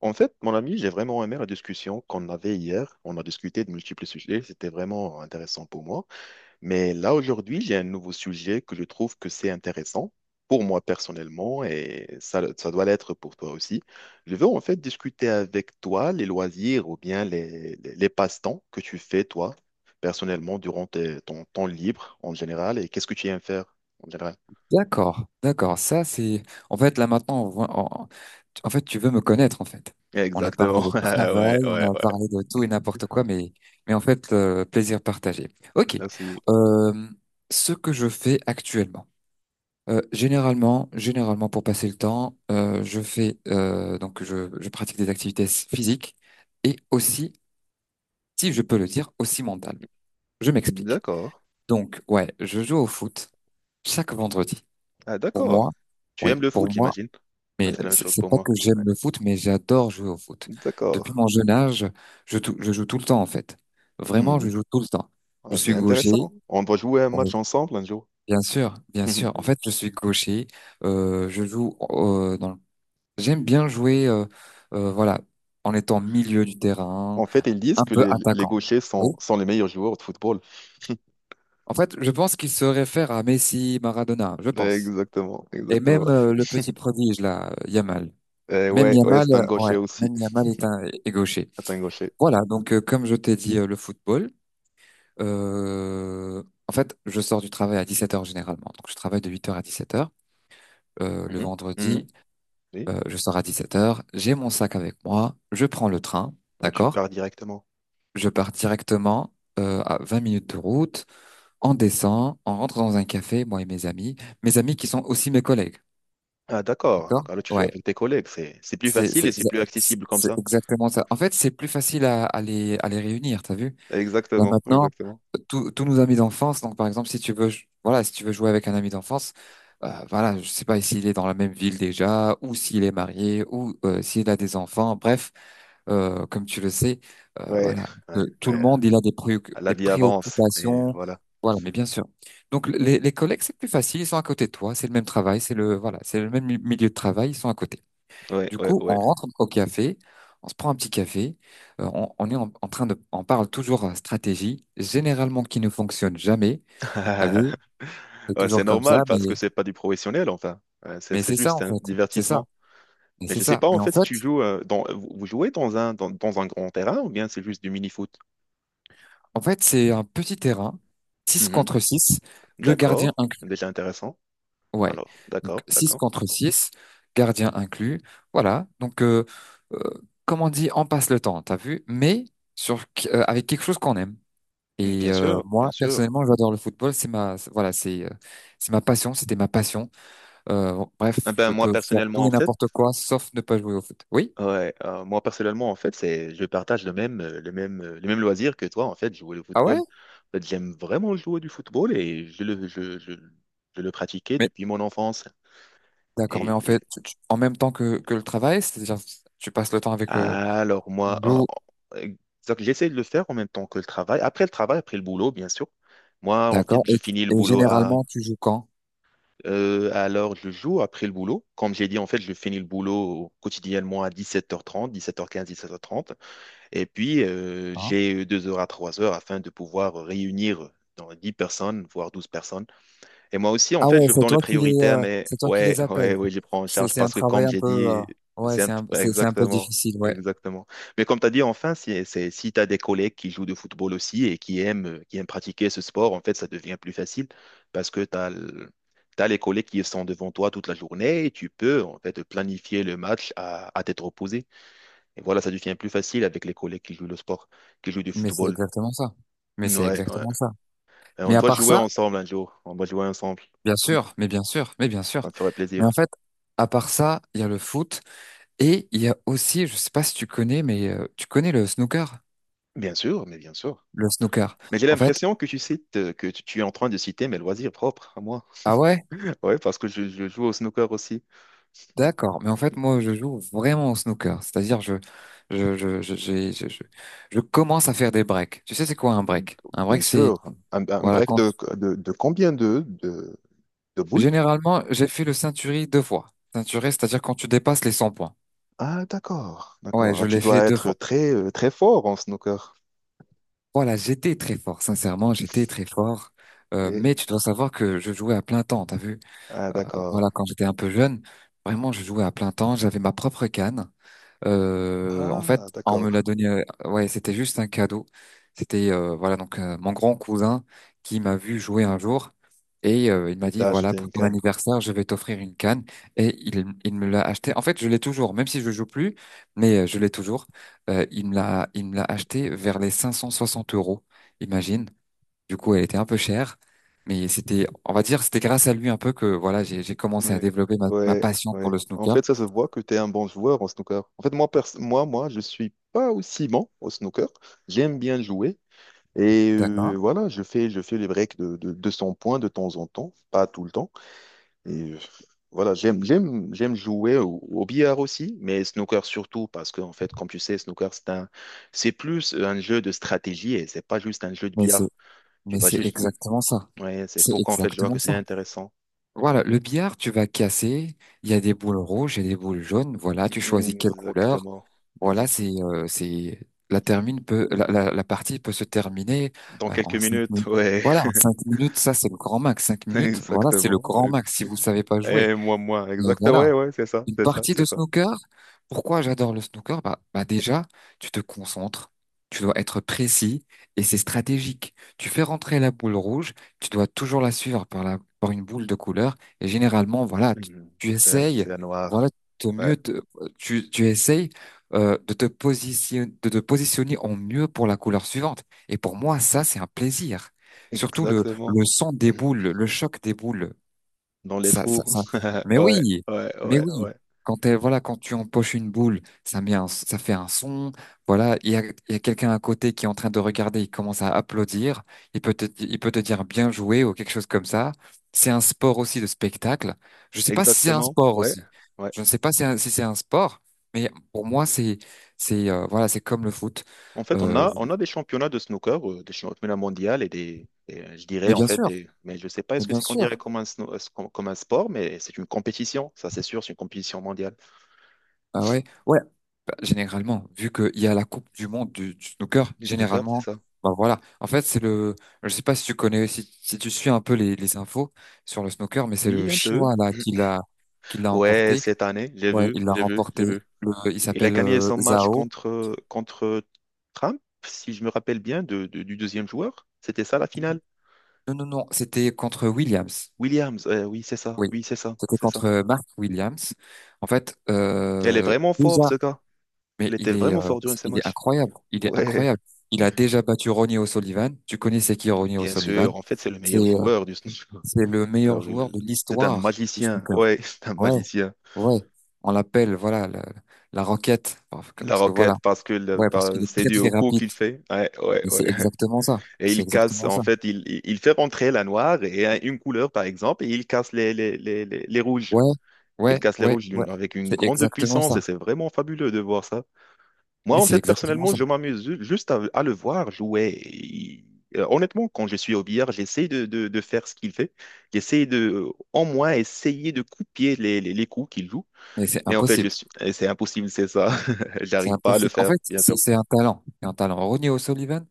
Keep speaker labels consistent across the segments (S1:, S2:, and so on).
S1: En fait, mon ami, j'ai vraiment aimé la discussion qu'on avait hier. On a discuté de multiples sujets, c'était vraiment intéressant pour moi. Mais là, aujourd'hui, j'ai un nouveau sujet que je trouve que c'est intéressant pour moi personnellement et ça doit l'être pour toi aussi. Je veux en fait discuter avec toi les loisirs ou bien les passe-temps que tu fais toi personnellement durant ton temps libre en général et qu'est-ce que tu aimes faire en général.
S2: D'accord, d'accord. Ça, c'est. En fait, là maintenant, on- en fait, tu veux me connaître, en fait. On a parlé
S1: Exactement.
S2: de
S1: Ouais,
S2: travail,
S1: ouais,
S2: on a parlé de
S1: ouais.
S2: tout et n'importe quoi, mais en fait, le plaisir partagé. Ok.
S1: Merci.
S2: Euh, ce que je fais actuellement. Généralement pour passer le temps, je fais donc je pratique des activités physiques et aussi, si je peux le dire, aussi mentales. Je m'explique.
S1: D'accord.
S2: Donc ouais, je joue au foot chaque vendredi.
S1: Ah,
S2: Pour moi,
S1: d'accord. Tu aimes
S2: oui,
S1: le foot,
S2: pour moi.
S1: j'imagine. Ah,
S2: Mais
S1: c'est la même
S2: c'est
S1: chose
S2: c'est
S1: pour
S2: pas
S1: moi.
S2: que j'aime
S1: Ouais.
S2: le foot, mais j'adore jouer au foot.
S1: D'accord.
S2: Depuis mon jeune âge, je joue tout le temps en fait. Vraiment, je
S1: Mhm.
S2: joue tout le temps. Je
S1: Ah, c'est
S2: suis gaucher.
S1: intéressant. On doit jouer un
S2: Bon,
S1: match ensemble un jour.
S2: bien sûr, bien sûr. En fait, je suis gaucher. Je joue j'aime bien jouer, voilà, en étant milieu du terrain,
S1: En fait, ils disent
S2: un
S1: que
S2: peu
S1: les
S2: attaquant.
S1: gauchers sont,
S2: Oui.
S1: sont les meilleurs joueurs de football.
S2: En fait, je pense qu'il se réfère à Messi, Maradona, je
S1: Ouais,
S2: pense.
S1: exactement,
S2: Et
S1: exactement.
S2: même le petit prodige là, Yamal. Même
S1: Ouais, ouais,
S2: Yamal,
S1: c'est un
S2: ouais,
S1: gaucher aussi.
S2: même Yamal est gaucher.
S1: C'est un gaucher.
S2: Voilà, donc comme je t'ai dit, le football, en fait, je sors du travail à 17 heures généralement. Donc je travaille de 8 heures à 17 heures. Le
S1: Mhm. Mhm.
S2: vendredi,
S1: Oui.
S2: je sors à 17 heures. J'ai mon sac avec moi, je prends le train,
S1: Ah, tu
S2: d'accord?
S1: pars directement.
S2: Je pars directement à 20 minutes de route, on descend, on rentre dans un café, moi et mes amis qui sont aussi mes collègues,
S1: Ah, d'accord. Donc,
S2: d'accord?
S1: alors, tu joues
S2: Ouais,
S1: avec tes collègues. C'est plus
S2: c'est
S1: facile
S2: c'est
S1: et c'est
S2: exa-
S1: plus
S2: c'est-
S1: accessible comme
S2: c'est
S1: ça.
S2: exactement ça. En fait, c'est plus facile à les réunir, t'as vu? Là
S1: Exactement,
S2: maintenant,
S1: exactement.
S2: tous nos amis d'enfance, donc par exemple, si tu veux, voilà, si tu veux jouer avec un ami d'enfance, voilà, je sais pas s'il est dans la même ville déjà, ou s'il est marié, ou s'il a des enfants, bref, comme tu le sais,
S1: Ouais,
S2: voilà, que
S1: ouais,
S2: tout le
S1: ouais.
S2: monde, il a
S1: La
S2: des
S1: vie avance et
S2: préoccupations,
S1: voilà.
S2: voilà, mais bien sûr. Donc les collègues, c'est plus facile, ils sont à côté de toi, c'est le même travail, voilà, c'est le même milieu de travail, ils sont à côté.
S1: Ouais,
S2: Du
S1: ouais,
S2: coup, on
S1: ouais.
S2: rentre au café, on se prend un petit café, on est en, en train de, on parle toujours stratégie, généralement qui ne fonctionne jamais. T'as vu? C'est
S1: Ouais, c'est
S2: toujours comme ça,
S1: normal
S2: mais
S1: parce que c'est pas du professionnel, enfin. C'est
S2: mais c'est ça
S1: juste
S2: en
S1: un
S2: fait, c'est ça,
S1: divertissement.
S2: et
S1: Mais
S2: c'est
S1: je sais
S2: ça.
S1: pas en
S2: Mais en
S1: fait si
S2: fait,
S1: tu joues dans vous vous jouez dans un grand terrain ou bien c'est juste du mini-foot.
S2: en fait, c'est un petit terrain, six
S1: Mhm.
S2: contre 6, le gardien
S1: D'accord,
S2: inclus.
S1: déjà intéressant.
S2: Ouais,
S1: Alors,
S2: donc
S1: d'accord,
S2: 6
S1: d'accord.
S2: contre 6, gardien inclus. Voilà, donc euh, comme on dit, on passe le temps, t'as vu? Mais sur avec quelque chose qu'on aime.
S1: Mm,
S2: Et
S1: bien sûr,
S2: moi,
S1: bien sûr.
S2: personnellement, j'adore le football. Voilà, c'est ma passion. C'était ma passion. Bon, bref,
S1: Ah ben
S2: je
S1: moi
S2: peux faire tout
S1: personnellement en
S2: et
S1: fait,
S2: n'importe quoi, sauf ne pas jouer au foot. Oui?
S1: ouais, moi personnellement en fait, c'est je partage le même le même le même loisir que toi en fait, jouer au
S2: Ah ouais?
S1: football. En fait, j'aime vraiment jouer du football et je le pratiquais
S2: Mais
S1: depuis mon enfance.
S2: d'accord.
S1: Et
S2: Mais en fait, en même temps que le travail, c'est-à-dire, tu passes le temps avec le
S1: alors moi,
S2: joue.
S1: donc, j'essaie de le faire en même temps que le travail. Après le travail, après le boulot, bien sûr. Moi, en fait,
S2: D'accord.
S1: je
S2: Et,
S1: finis le
S2: et
S1: boulot
S2: généralement, tu joues quand?
S1: à l'heure du jour, après le boulot. Comme j'ai dit, en fait, je finis le boulot quotidiennement à 17h30, 17h15, 17h30. Et puis,
S2: Hein.
S1: j'ai 2 heures à 3 heures afin de pouvoir réunir dans 10 personnes, voire 12 personnes, et moi aussi, en
S2: Ah
S1: fait,
S2: ouais,
S1: je donne les priorités, mais
S2: c'est toi qui
S1: ouais,
S2: les appelles.
S1: ouais, oui, je prends en
S2: C'est,
S1: charge
S2: c'est un
S1: parce que
S2: travail
S1: comme
S2: un
S1: j'ai
S2: peu,
S1: dit,
S2: ouais, c'est un, c'est c'est un peu
S1: exactement,
S2: difficile, ouais.
S1: exactement. Mais comme tu as dit, enfin, si, c'est, si tu as des collègues qui jouent de football aussi et qui aiment pratiquer ce sport, en fait, ça devient plus facile parce que tu as, les collègues qui sont devant toi toute la journée et tu peux, en fait, planifier le match à tête reposée. Et voilà, ça devient plus facile avec les collègues qui jouent le sport, qui jouent du
S2: Mais c'est
S1: football.
S2: exactement ça. Mais c'est
S1: Ouais, ouais.
S2: exactement ça.
S1: Et on
S2: Mais à
S1: doit
S2: part
S1: jouer
S2: ça.
S1: ensemble un jour. On doit jouer ensemble.
S2: Bien sûr, mais bien sûr, mais bien
S1: Ça
S2: sûr.
S1: me ferait
S2: Mais en
S1: plaisir.
S2: fait, à part ça, il y a le foot et il y a aussi, je sais pas si tu connais, mais tu connais le snooker?
S1: Bien sûr.
S2: Le snooker.
S1: Mais j'ai
S2: En fait,
S1: l'impression que tu cites, que tu es en train de citer mes loisirs propres à moi.
S2: ah ouais,
S1: Ouais, parce que je joue au snooker aussi.
S2: d'accord. Mais en fait, moi, je joue vraiment au snooker. C'est-à-dire, je, j'ai- je commence à faire des breaks. Tu sais, c'est quoi un break? Un
S1: Bien
S2: break, c'est,
S1: sûr. Un
S2: voilà,
S1: break
S2: quand,
S1: de combien de boules?
S2: généralement, j'ai fait le ceinturier deux fois. Ceinturier, c'est-à-dire quand tu dépasses les 100 points.
S1: Ah, d'accord, d'accord.
S2: Ouais, je
S1: Alors, tu
S2: l'ai fait
S1: dois
S2: deux
S1: être
S2: fois.
S1: très, très fort en snooker.
S2: Voilà, j'étais très fort, sincèrement, j'étais très fort. Euh,
S1: Et,
S2: mais tu dois savoir que je jouais à plein temps, t'as vu?
S1: ah,
S2: Euh,
S1: d'accord.
S2: voilà, quand j'étais un peu jeune, vraiment, je jouais à plein temps, j'avais ma propre canne. En fait,
S1: Ah,
S2: on me l'a
S1: d'accord.
S2: donné. Ouais, c'était juste un cadeau. C'était voilà donc mon grand cousin qui m'a vu jouer un jour et il
S1: Tu
S2: m'a dit
S1: t'as
S2: voilà
S1: acheté
S2: pour
S1: une
S2: ton
S1: canne.
S2: anniversaire je vais t'offrir une canne et il me l'a acheté. En fait, je l'ai toujours, même si je joue plus, mais je l'ai toujours. Il me l'a acheté vers les 560 euros. Imagine. Du coup, elle était un peu chère. Mais c'était, on va dire, c'était grâce à lui un peu que voilà, j'ai commencé à
S1: Ouais,
S2: développer ma
S1: ouais,
S2: passion pour
S1: ouais.
S2: le
S1: En fait,
S2: snooker.
S1: ça se voit que tu es un bon joueur en snooker. En fait, moi, je suis pas aussi bon au snooker. J'aime bien jouer. Et
S2: D'accord.
S1: voilà, je fais les breaks de 200 points de temps en temps, pas tout le temps. Et voilà, j'aime jouer au, au billard aussi, mais snooker surtout, parce que, en fait, comme tu sais, snooker, c'est plus un jeu de stratégie et c'est pas juste un jeu de
S2: Mais c'est
S1: billard. Tu
S2: Mais
S1: vas
S2: c'est
S1: juste. Mmh,
S2: exactement ça.
S1: Ouais, c'est
S2: C'est
S1: pourquoi, en fait, je vois que
S2: exactement
S1: c'est
S2: ça.
S1: intéressant.
S2: Voilà, le billard, tu vas casser. Il y a des boules rouges, et des boules jaunes. Voilà, tu choisis
S1: Mmh,
S2: quelle couleur.
S1: exactement.
S2: Voilà,
S1: Exactement.
S2: c'est la termine peut la, la, la partie peut se terminer
S1: Dans quelques
S2: en cinq
S1: minutes,
S2: minutes.
S1: ouais,
S2: Voilà, en 5 minutes, ça c'est le grand max. Cinq minutes, voilà, c'est le
S1: exactement.
S2: grand max si vous savez pas jouer.
S1: Et moi, moi,
S2: Mais
S1: exactement,
S2: voilà,
S1: ouais, ouais, c'est ça,
S2: une
S1: c'est ça,
S2: partie
S1: c'est
S2: de
S1: ça.
S2: snooker? Pourquoi j'adore le snooker? Bah déjà, tu te concentres, tu dois être précis et c'est stratégique. Tu fais rentrer la boule rouge, tu dois toujours la suivre par par une boule de couleur et généralement, voilà, tu,
S1: Mhm.
S2: tu
S1: C'est la
S2: essayes, voilà,
S1: noire.
S2: de
S1: Ouais,
S2: mieux te- tu essayes de te positionner en mieux pour la couleur suivante. Et pour moi, ça, c'est un plaisir. Surtout le,
S1: exactement.
S2: le son des
S1: Mhm.
S2: boules, le choc des boules.
S1: Dans les
S2: Ça, ça,
S1: trous.
S2: ça- Mais oui,
S1: Ouais, ouais,
S2: mais
S1: ouais,
S2: oui.
S1: ouais.
S2: Voilà, quand tu empoches une boule, ça fait un son. Voilà, il y a quelqu'un à côté qui est en train de regarder. Il commence à applaudir. Il peut te dire bien joué ou quelque chose comme ça. C'est un sport aussi de spectacle. Je sais pas si c'est un
S1: Exactement.
S2: sport
S1: Ouais,
S2: aussi.
S1: ouais.
S2: Je ne sais pas si c'est un sport, mais pour moi c'est comme le foot.
S1: En fait,
S2: Euh,
S1: on a des championnats de snooker, des championnats mondiaux et je dirais
S2: mais
S1: en
S2: bien
S1: fait
S2: sûr,
S1: des, mais je sais pas
S2: mais
S1: est-ce que
S2: bien
S1: c'est qu'on dirait
S2: sûr.
S1: comme un, comme un sport, mais c'est une compétition, ça c'est sûr, c'est une compétition mondiale.
S2: Ah ouais, ouais. Bah, généralement, vu qu'il y a la Coupe du Monde du snooker,
S1: Du snooker, c'est
S2: généralement,
S1: ça?
S2: bah voilà. En fait, je sais pas si tu connais, si tu suis un peu les infos sur le snooker, mais c'est le
S1: Oui, un peu.
S2: Chinois là qui l'a
S1: Ouais,
S2: emporté.
S1: cette année, j'ai
S2: Ouais,
S1: vu,
S2: il l'a
S1: j'ai vu,
S2: remporté.
S1: j'ai vu.
S2: Il
S1: Il a
S2: s'appelle
S1: gagné son match
S2: Zhao.
S1: contre, contre Trump, si je me rappelle bien, du deuxième joueur. C'était ça la finale?
S2: Non, non, non, c'était contre Williams.
S1: Williams,
S2: Oui,
S1: oui, c'est ça,
S2: c'était
S1: c'est ça.
S2: contre Mark Williams. En fait,
S1: Elle est vraiment forte ce gars.
S2: Mais
S1: Il était
S2: il est,
S1: vraiment
S2: euh,
S1: fort durant ce
S2: il est
S1: matchs.
S2: incroyable. Il est
S1: Ouais,
S2: incroyable. Il a déjà battu Ronnie O'Sullivan. Tu connais c'est qui Ronnie
S1: bien
S2: O'Sullivan?
S1: sûr. En fait, c'est le
S2: C'est,
S1: meilleur
S2: euh,
S1: joueur du snooker.
S2: c'est le meilleur
S1: Alors,
S2: joueur de
S1: c'est un
S2: l'histoire du
S1: magicien.
S2: snooker.
S1: Ouais, c'est un
S2: Ouais,
S1: magicien.
S2: ouais. On l'appelle, voilà, la roquette. Parce que,
S1: La
S2: parce que voilà.
S1: roquette, parce que
S2: Ouais, parce qu'il est
S1: c'est
S2: très,
S1: dû au
S2: très
S1: coup
S2: rapide.
S1: qu'il fait. Ouais, ouais,
S2: Et
S1: ouais.
S2: c'est exactement ça.
S1: Et
S2: C'est
S1: il casse,
S2: exactement
S1: en
S2: ça.
S1: fait, il fait rentrer la noire et une couleur, par exemple, et il casse les rouges.
S2: Ouais,
S1: Il
S2: ouais,
S1: casse les
S2: ouais,
S1: rouges
S2: ouais.
S1: avec une
S2: C'est
S1: grande
S2: exactement
S1: puissance et
S2: ça.
S1: c'est vraiment fabuleux de voir ça. Moi,
S2: Mais
S1: en
S2: c'est
S1: fait,
S2: exactement
S1: personnellement,
S2: ça.
S1: je m'amuse juste à le voir jouer. Honnêtement, quand je suis au billard, j'essaie de faire ce qu'il fait. J'essaie de, en moins, essayer de copier les coups qu'il joue.
S2: Mais c'est
S1: Mais en fait,
S2: impossible.
S1: et c'est impossible, c'est ça.
S2: C'est
S1: J'arrive pas à le
S2: impossible. En
S1: faire,
S2: fait,
S1: bien
S2: c'est
S1: sûr.
S2: c'est un talent. C'est un talent. Ronnie O'Sullivan,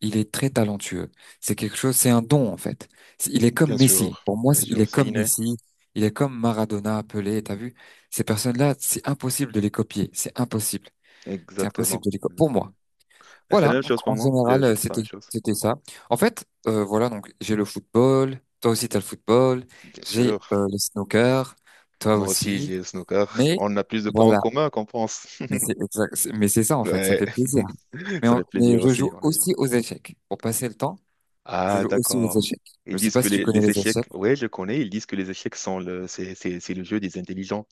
S2: il est très talentueux. C'est quelque chose, c'est un don, en fait. Il est comme
S1: Bien
S2: Messi.
S1: sûr,
S2: Pour moi,
S1: bien
S2: il
S1: sûr,
S2: est comme
S1: Ciné,
S2: Messi. Il est comme Maradona, Pelé. T'as vu? Ces personnes-là, c'est impossible de les copier. C'est impossible. C'est impossible
S1: exactement.
S2: de les copier. Pour
S1: Exactement.
S2: moi.
S1: Et c'est
S2: Voilà.
S1: la même
S2: Donc,
S1: chose pour
S2: en
S1: moi.
S2: général,
S1: Je pense la même chose.
S2: c'était ça. En fait, voilà. Donc, j'ai le football. Toi aussi, t'as le football.
S1: Bien sûr.
S2: J'ai, le snooker. Toi
S1: Moi aussi,
S2: aussi.
S1: j'ai le snooker.
S2: Mais,
S1: On a plus de points en
S2: voilà.
S1: commun qu'on pense.
S2: Mais c'est exact- c'est- mais c'est ça, en fait. Ça
S1: Ouais,
S2: fait plaisir. Mais,
S1: ça
S2: on-
S1: fait
S2: mais
S1: plaisir
S2: je
S1: aussi.
S2: joue
S1: Pour lui.
S2: aussi aux échecs. Pour passer le temps, je
S1: Ah,
S2: joue aussi aux
S1: d'accord.
S2: échecs. Je
S1: Ils
S2: sais
S1: disent
S2: pas
S1: que
S2: si tu
S1: les,
S2: connais
S1: les
S2: les échecs.
S1: échecs, ouais, je connais, ils disent que les échecs sont le, c'est le jeu des intelligents.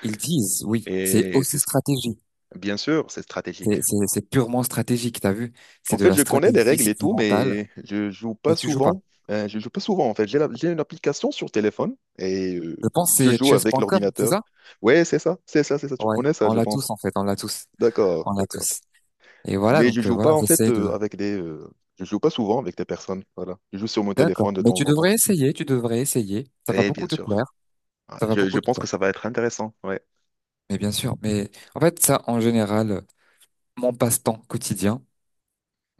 S2: Ils disent, oui, c'est
S1: Et
S2: aussi
S1: c'est ce que,
S2: stratégie.
S1: bien sûr, c'est stratégique.
S2: C'est purement stratégique, t'as vu? C'est
S1: En
S2: de
S1: fait,
S2: la
S1: je connais les
S2: stratégie,
S1: règles et
S2: c'est du
S1: tout,
S2: mental,
S1: mais je joue
S2: mais
S1: pas
S2: tu joues pas.
S1: souvent. Je joue pas souvent, en fait. J'ai une application sur téléphone et
S2: Je pense que
S1: je
S2: c'est
S1: joue avec
S2: chess.com, c'est
S1: l'ordinateur.
S2: ça?
S1: Ouais, c'est ça, c'est ça, c'est ça. Tu
S2: Ouais,
S1: connais ça,
S2: on
S1: je
S2: l'a
S1: pense.
S2: tous en fait, on l'a tous,
S1: D'accord,
S2: on l'a
S1: d'accord.
S2: tous. Et voilà,
S1: Mais je
S2: donc
S1: joue pas,
S2: voilà,
S1: en fait,
S2: j'essaie de...
S1: avec des. Je joue pas souvent avec des personnes. Voilà. Je joue sur mon
S2: D'accord,
S1: téléphone de
S2: mais
S1: temps
S2: tu
S1: en temps.
S2: devrais essayer, tu devrais essayer. Ça va
S1: Eh
S2: beaucoup
S1: bien
S2: te
S1: sûr.
S2: plaire,
S1: Ah,
S2: ça va
S1: je
S2: beaucoup te
S1: pense
S2: plaire.
S1: que ça va être intéressant. Ouais.
S2: Mais bien sûr, mais en fait ça, en général, mon passe-temps quotidien.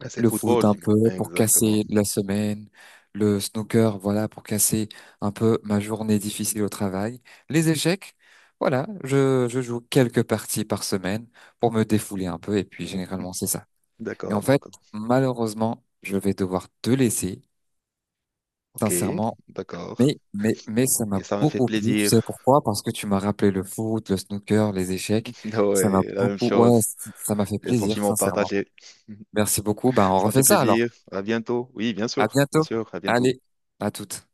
S1: Mais c'est
S2: Le foot
S1: football.
S2: un
S1: J'imagine.
S2: peu pour
S1: Exactement.
S2: casser la semaine, le snooker, voilà, pour casser un peu ma journée difficile au travail, les échecs, voilà, je joue quelques parties par semaine pour me défouler un peu et puis
S1: Mm, mm.
S2: généralement c'est ça. Mais en
S1: D'accord,
S2: fait,
S1: d'accord.
S2: malheureusement, je vais devoir te laisser,
S1: Ok,
S2: sincèrement,
S1: d'accord.
S2: mais ça m'a
S1: Et ça m'a fait
S2: beaucoup plu, tu sais
S1: plaisir.
S2: pourquoi? Parce que tu m'as rappelé le foot, le snooker, les échecs,
S1: Ouais, la même
S2: ouais,
S1: chose.
S2: ça m'a fait
S1: Les
S2: plaisir,
S1: sentiments
S2: sincèrement.
S1: partagés.
S2: Merci beaucoup, ben on
S1: Ça m'a fait
S2: refait ça alors.
S1: plaisir. À bientôt. Oui, bien
S2: À
S1: sûr. Bien
S2: bientôt.
S1: sûr. À bientôt.
S2: Allez, à toutes.